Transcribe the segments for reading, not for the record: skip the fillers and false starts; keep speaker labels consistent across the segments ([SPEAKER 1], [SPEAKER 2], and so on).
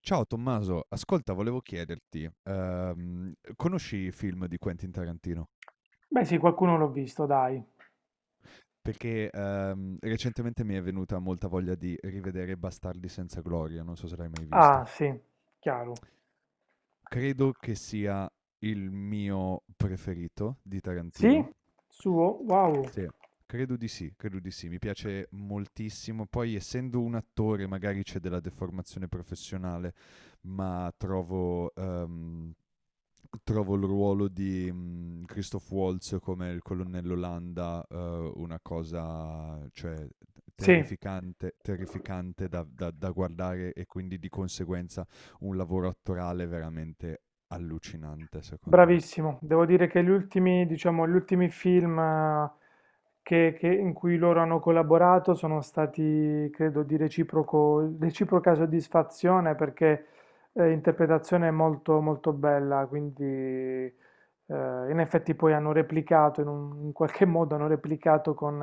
[SPEAKER 1] Ciao Tommaso, ascolta, volevo chiederti, conosci i film di Quentin Tarantino?
[SPEAKER 2] Beh, sì, qualcuno l'ho visto, dai.
[SPEAKER 1] Perché recentemente mi è venuta molta voglia di rivedere Bastardi senza gloria, non so se l'hai mai
[SPEAKER 2] Ah,
[SPEAKER 1] visto.
[SPEAKER 2] sì, chiaro.
[SPEAKER 1] Credo che sia il mio preferito di
[SPEAKER 2] Sì?
[SPEAKER 1] Tarantino.
[SPEAKER 2] Suo? Wow.
[SPEAKER 1] Sì. Credo di sì, credo di sì, mi piace moltissimo. Poi, essendo un attore, magari c'è della deformazione professionale, ma trovo trovo il ruolo di Christoph Waltz come il colonnello Landa, una cosa, cioè,
[SPEAKER 2] Sì.
[SPEAKER 1] terrificante, terrificante da guardare e quindi di conseguenza un lavoro attorale veramente allucinante, secondo me.
[SPEAKER 2] Bravissimo, devo dire che gli ultimi, diciamo, gli ultimi film, in cui loro hanno collaborato sono stati, credo, di reciproca soddisfazione, perché interpretazione molto, molto bella. Quindi in effetti poi hanno replicato, in qualche modo hanno replicato con,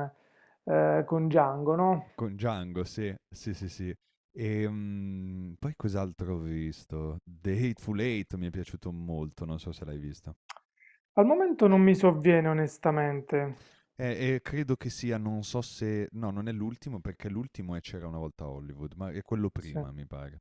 [SPEAKER 2] eh, con Django, no?
[SPEAKER 1] Con Django, sì, sì, sì, sì. E poi cos'altro ho visto? The Hateful Eight mi è piaciuto molto, non so se l'hai visto.
[SPEAKER 2] Al momento non mi sovviene onestamente.
[SPEAKER 1] E credo che sia, non so se no, non è l'ultimo perché l'ultimo è C'era una volta Hollywood, ma è quello
[SPEAKER 2] Sì.
[SPEAKER 1] prima mi pare.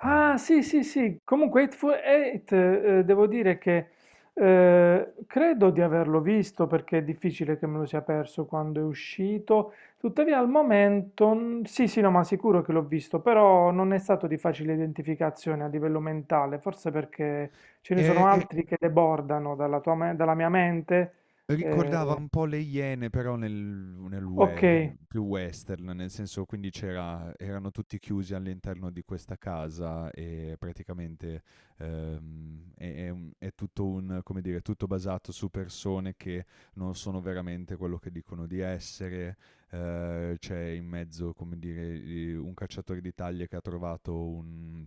[SPEAKER 2] Ah,
[SPEAKER 1] Ehm,
[SPEAKER 2] sì, sì, sì. Comunque, Hateful Eight, devo dire che credo di averlo visto, perché è difficile che me lo sia perso quando è uscito. Tuttavia, al momento, sì, sì, no, ma sicuro che l'ho visto, però non è stato di facile identificazione a livello mentale, forse perché ce ne
[SPEAKER 1] e
[SPEAKER 2] sono
[SPEAKER 1] e
[SPEAKER 2] altri che debordano dalla mia mente.
[SPEAKER 1] Ricordava
[SPEAKER 2] Eh,
[SPEAKER 1] un po' le Iene, però nel
[SPEAKER 2] ok.
[SPEAKER 1] we più western, nel senso quindi c'era erano tutti chiusi all'interno di questa casa e praticamente, è tutto un, come dire, tutto basato su persone che non sono veramente quello che dicono di essere. C'è in mezzo, come dire, i un cacciatore di taglie che ha trovato un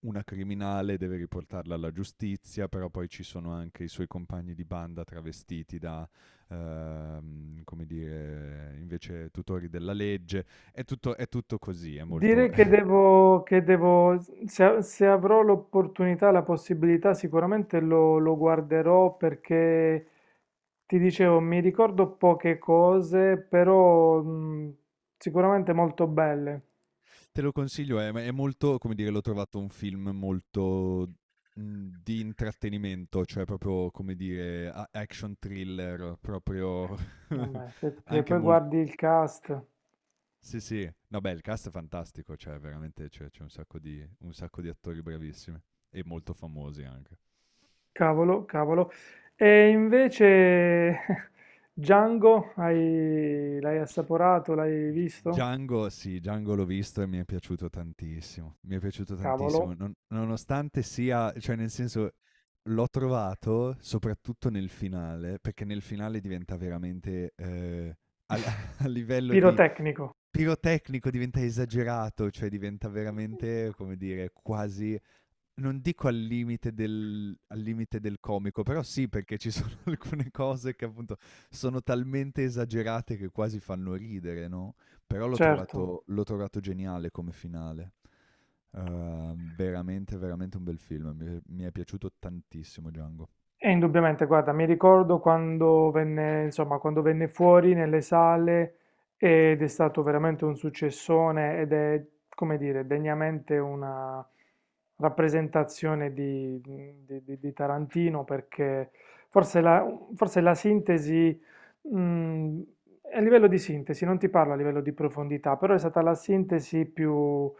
[SPEAKER 1] una criminale, deve riportarla alla giustizia, però poi ci sono anche i suoi compagni di banda travestiti da, come dire, invece tutori della legge. È tutto così, è molto...
[SPEAKER 2] Direi che devo, se avrò l'opportunità, la possibilità, sicuramente lo guarderò, perché ti dicevo, mi ricordo poche cose, però sicuramente molto belle.
[SPEAKER 1] Te lo consiglio, è molto, come dire, l'ho trovato un film molto di intrattenimento, cioè proprio, come dire, action thriller, proprio
[SPEAKER 2] Vabbè, se
[SPEAKER 1] anche
[SPEAKER 2] poi
[SPEAKER 1] molto.
[SPEAKER 2] guardi il cast,
[SPEAKER 1] Sì, sì. No, beh, il cast è fantastico, cioè veramente c'è, c'è un sacco di attori bravissimi e molto famosi anche.
[SPEAKER 2] cavolo, cavolo. E invece Django, l'hai assaporato, l'hai visto?
[SPEAKER 1] Django, sì, Django l'ho visto e mi è piaciuto tantissimo. Mi è piaciuto tantissimo,
[SPEAKER 2] Cavolo.
[SPEAKER 1] nonostante sia, cioè nel senso l'ho trovato soprattutto nel finale, perché nel finale diventa veramente, al- a livello di
[SPEAKER 2] Pirotecnico,
[SPEAKER 1] pirotecnico, diventa esagerato, cioè diventa veramente, come dire, quasi. Non dico al limite del comico, però sì, perché ci sono alcune cose che appunto sono talmente esagerate che quasi fanno ridere, no, però
[SPEAKER 2] certo.
[SPEAKER 1] l'ho trovato geniale come finale. Veramente, veramente un bel film. Mi è piaciuto tantissimo Django.
[SPEAKER 2] E indubbiamente, guarda, mi ricordo quando venne, insomma, quando venne fuori nelle sale, ed è stato veramente un successone, ed è, come dire, degnamente una rappresentazione di Tarantino, perché forse la, forse la sintesi, mh, a livello di sintesi, non ti parlo a livello di profondità, però è stata la sintesi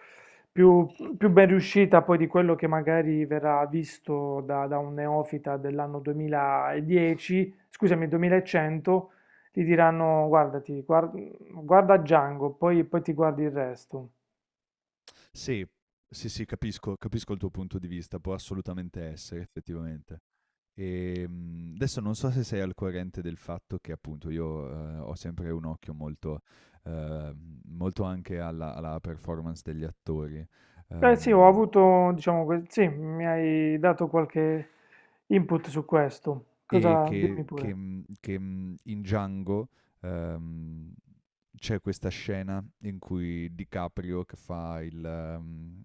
[SPEAKER 2] più- più ben riuscita, poi, di quello che magari verrà visto da un neofita dell'anno 2010, scusami, 2100. Gli diranno: guarda Django, poi ti guardi il resto.
[SPEAKER 1] Sì, sì, sì, capisco il tuo punto di vista, può assolutamente essere effettivamente. E adesso non so se sei al corrente del fatto che appunto io, ho sempre un occhio molto, eh, molto anche alla, alla performance degli attori.
[SPEAKER 2] Beh, sì, ho
[SPEAKER 1] ehm,
[SPEAKER 2] avuto, diciamo, sì, mi hai dato qualche input su questo. Cosa, dimmi pure.
[SPEAKER 1] In Django, ehm, c'è questa scena in cui DiCaprio che fa il...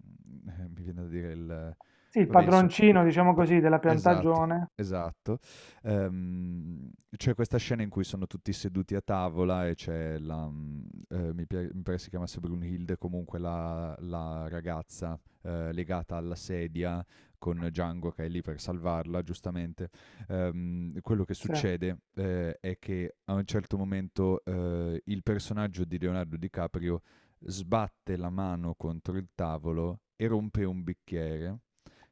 [SPEAKER 1] mi viene da dire il...
[SPEAKER 2] Sì, il
[SPEAKER 1] Vabbè, insomma,
[SPEAKER 2] padroncino, diciamo
[SPEAKER 1] p-
[SPEAKER 2] così, della
[SPEAKER 1] Esatto,
[SPEAKER 2] piantagione.
[SPEAKER 1] esatto. Ehm, c'è questa scena in cui sono tutti seduti a tavola e c'è la, mi pare si chiamasse Brunhilde, comunque la, la ragazza, legata alla sedia con Django che è lì per salvarla, giustamente. Quello che
[SPEAKER 2] Sì,
[SPEAKER 1] succede, è che a un certo momento, il personaggio di Leonardo DiCaprio sbatte la mano contro il tavolo e rompe un bicchiere,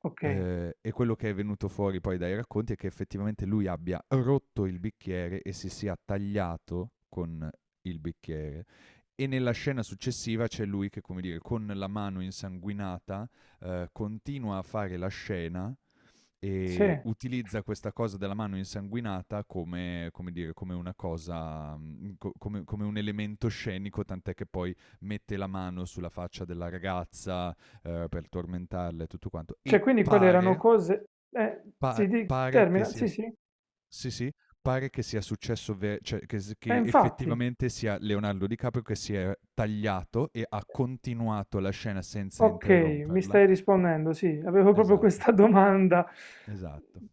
[SPEAKER 2] ok.
[SPEAKER 1] e quello che è venuto fuori poi dai racconti è che effettivamente lui abbia rotto il bicchiere e si sia tagliato con il bicchiere. E nella scena successiva c'è lui che, come dire, con la mano insanguinata, continua a fare la scena
[SPEAKER 2] Sì,
[SPEAKER 1] e utilizza questa cosa della mano insanguinata come, come dire, come una cosa, come, come un elemento scenico, tant'è che poi mette la mano sulla faccia della ragazza, per tormentarla e tutto quanto.
[SPEAKER 2] cioè,
[SPEAKER 1] E
[SPEAKER 2] quindi quelle erano
[SPEAKER 1] pare,
[SPEAKER 2] cose, eh,
[SPEAKER 1] Pa
[SPEAKER 2] sì, di
[SPEAKER 1] pare che
[SPEAKER 2] termina,
[SPEAKER 1] sia
[SPEAKER 2] sì,
[SPEAKER 1] s
[SPEAKER 2] sì.
[SPEAKER 1] sì, sì, pare che sia successo ve cioè che s che
[SPEAKER 2] Infatti,
[SPEAKER 1] effettivamente sia Leonardo DiCaprio che si è tagliato e ha continuato la scena senza
[SPEAKER 2] ok, mi
[SPEAKER 1] interromperla.
[SPEAKER 2] stai rispondendo, sì, avevo proprio
[SPEAKER 1] Esatto,
[SPEAKER 2] questa domanda.
[SPEAKER 1] esatto,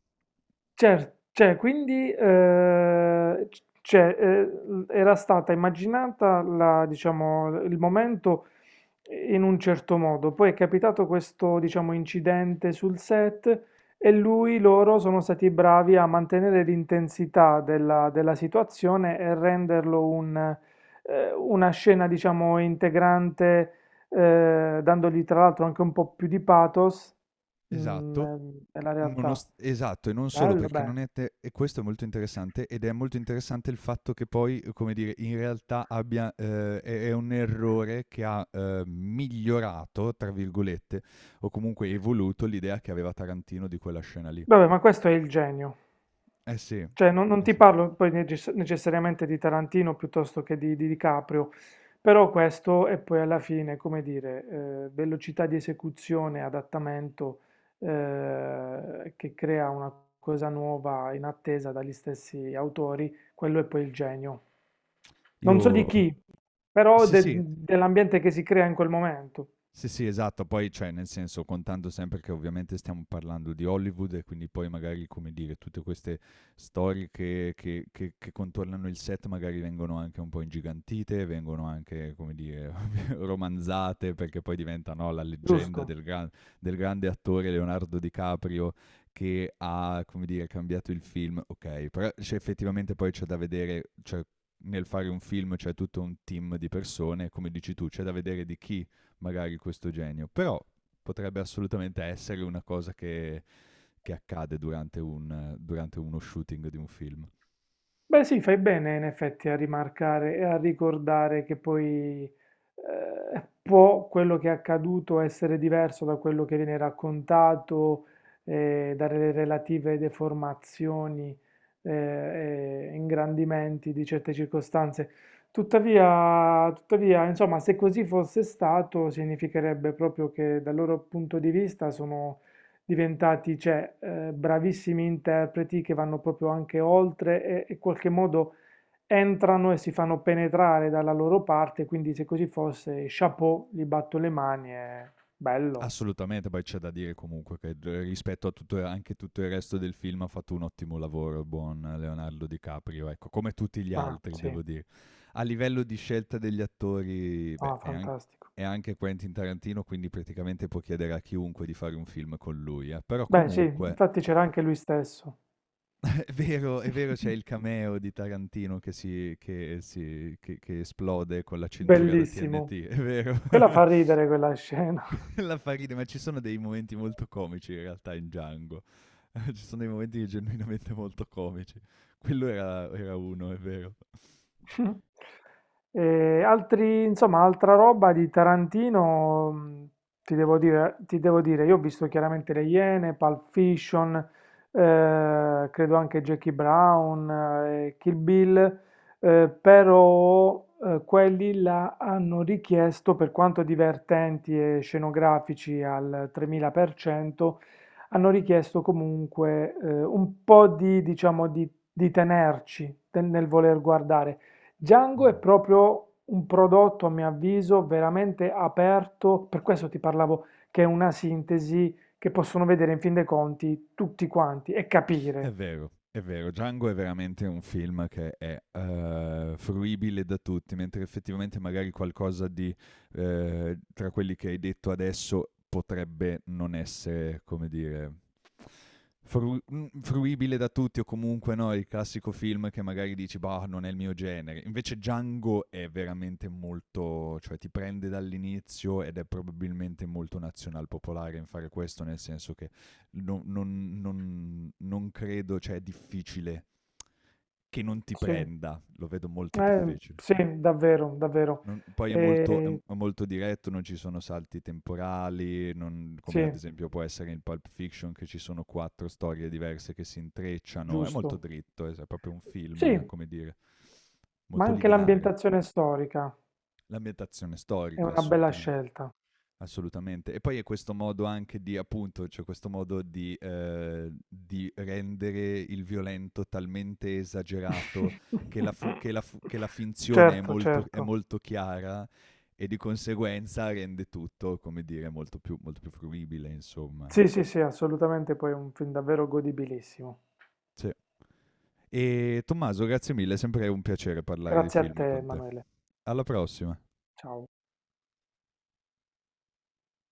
[SPEAKER 2] Cer Cioè, quindi, c cioè, era stata immaginata la diciamo, il momento in un certo modo, poi è capitato questo, diciamo, incidente sul set, e lui loro sono stati bravi a mantenere l'intensità della situazione e renderlo un una scena, diciamo, integrante, dandogli tra l'altro anche un po' più di pathos, mhmm,
[SPEAKER 1] esatto.
[SPEAKER 2] nel nella realtà.
[SPEAKER 1] Nonost esatto, e non solo
[SPEAKER 2] Bello,
[SPEAKER 1] perché
[SPEAKER 2] be
[SPEAKER 1] non è te e questo è molto interessante ed è molto interessante il fatto che poi, come dire, in realtà abbia, è un errore che ha, "migliorato" tra virgolette o comunque evoluto l'idea che aveva Tarantino di quella scena lì.
[SPEAKER 2] Vabbè, ma questo è il genio.
[SPEAKER 1] Eh sì,
[SPEAKER 2] Cioè, non
[SPEAKER 1] eh
[SPEAKER 2] ti
[SPEAKER 1] sì.
[SPEAKER 2] parlo poi necessariamente di Tarantino, piuttosto che di DiCaprio, però questo è poi alla fine, come dire, velocità di esecuzione, adattamento, che crea una cosa nuova in attesa dagli stessi autori. Quello è poi il genio. Non so di
[SPEAKER 1] Io
[SPEAKER 2] chi, però
[SPEAKER 1] sì, sì.
[SPEAKER 2] dell'ambiente che si crea in quel momento,
[SPEAKER 1] Sì, sì, esatto. Poi, cioè, nel senso, contando sempre che ovviamente stiamo parlando di Hollywood e quindi poi magari, come dire, tutte queste storie che contornano il set magari vengono anche un po' ingigantite, vengono anche, come dire, romanzate perché poi diventa, no, la leggenda
[SPEAKER 2] giusto?
[SPEAKER 1] del, del grande attore Leonardo DiCaprio che ha, come dire, cambiato il film. Ok, però cioè, effettivamente poi c'è da vedere, cioè, nel fare un film c'è tutto un team di persone, come dici tu, c'è da vedere di chi magari questo genio, però potrebbe assolutamente essere una cosa che accade durante, un, durante uno shooting di un film.
[SPEAKER 2] Beh, sì, fai bene in effetti a rimarcare e a ricordare che poi, può quello che è accaduto essere diverso da quello che viene raccontato, dalle relative deformazioni e ingrandimenti di certe circostanze. Tuttavia, insomma, se così fosse stato, significherebbe proprio che dal loro punto di vista sono diventati, cioè, bravissimi interpreti, che vanno proprio anche oltre e in qualche modo entrano e si fanno penetrare dalla loro parte. Quindi, se così fosse, chapeau, gli batto le mani, è bello.
[SPEAKER 1] Assolutamente, poi c'è da dire comunque che rispetto a tutto, anche tutto il resto del film ha fatto un ottimo lavoro il buon Leonardo DiCaprio, ecco, come tutti gli
[SPEAKER 2] Ma
[SPEAKER 1] altri
[SPEAKER 2] sì,
[SPEAKER 1] devo dire. A livello di scelta degli attori, beh,
[SPEAKER 2] no, fantastico.
[SPEAKER 1] è anche Quentin Tarantino, quindi praticamente può chiedere a chiunque di fare un film con lui, eh. Però
[SPEAKER 2] Beh, sì,
[SPEAKER 1] comunque
[SPEAKER 2] infatti c'era anche lui stesso.
[SPEAKER 1] è vero, è vero, c'è il cameo di Tarantino che si che si che esplode con la cintura da
[SPEAKER 2] Bellissimo.
[SPEAKER 1] TNT, è vero.
[SPEAKER 2] Quella fa ridere quella scena.
[SPEAKER 1] La fa ridere, ma ci sono dei momenti molto comici in realtà in Django. Ci sono dei momenti genuinamente molto comici. Quello era uno, è vero.
[SPEAKER 2] E altri, insomma, altra roba di Tarantino, ti devo dire, io ho visto chiaramente Le Iene, Pulp Fiction, credo anche Jackie Brown, Kill Bill, però quelli là hanno richiesto, per quanto divertenti e scenografici al 3000%, hanno richiesto comunque, un po' di, diciamo, di tenerci nel voler guardare. Django è
[SPEAKER 1] Mh.
[SPEAKER 2] proprio un prodotto, a mio avviso, veramente aperto, per questo ti parlavo, che è una sintesi che possono vedere, in fin dei conti, tutti quanti e capire.
[SPEAKER 1] È vero, Django è veramente un film che è, fruibile da tutti, mentre effettivamente magari qualcosa di, tra quelli che hai detto adesso potrebbe non essere, come dire, fruibile da tutti o comunque no, il classico film che magari dici, bah, non è il mio genere. Invece Django è veramente molto, cioè ti prende dall'inizio ed è probabilmente molto nazional popolare in fare questo, nel senso che non credo, cioè è difficile che non ti
[SPEAKER 2] Sì,
[SPEAKER 1] prenda, lo vedo molto
[SPEAKER 2] eh,
[SPEAKER 1] difficile.
[SPEAKER 2] sì, davvero, davvero.
[SPEAKER 1] Poi è molto,
[SPEAKER 2] Eh,
[SPEAKER 1] è molto diretto, non ci sono salti temporali, non, come ad
[SPEAKER 2] sì,
[SPEAKER 1] esempio può essere in Pulp Fiction che ci sono 4 storie diverse che si intrecciano, è molto
[SPEAKER 2] giusto.
[SPEAKER 1] dritto, è proprio un
[SPEAKER 2] Sì,
[SPEAKER 1] film, come dire,
[SPEAKER 2] ma
[SPEAKER 1] molto
[SPEAKER 2] anche
[SPEAKER 1] lineare.
[SPEAKER 2] l'ambientazione storica
[SPEAKER 1] L'ambientazione
[SPEAKER 2] è
[SPEAKER 1] storica,
[SPEAKER 2] una bella
[SPEAKER 1] assolutamente.
[SPEAKER 2] scelta.
[SPEAKER 1] Assolutamente. E poi è questo modo anche di, appunto, cioè questo modo di rendere il violento talmente esagerato che che la finzione
[SPEAKER 2] Certo,
[SPEAKER 1] è
[SPEAKER 2] certo.
[SPEAKER 1] molto chiara e di conseguenza rende tutto, come dire, molto più fruibile, insomma,
[SPEAKER 2] Sì,
[SPEAKER 1] ecco.
[SPEAKER 2] sì, sì, assolutamente, poi è un film davvero godibilissimo.
[SPEAKER 1] Sì. E Tommaso, grazie mille, è sempre un piacere parlare di
[SPEAKER 2] Grazie a
[SPEAKER 1] film
[SPEAKER 2] te,
[SPEAKER 1] con te.
[SPEAKER 2] Emanuele.
[SPEAKER 1] Alla prossima.
[SPEAKER 2] Ciao.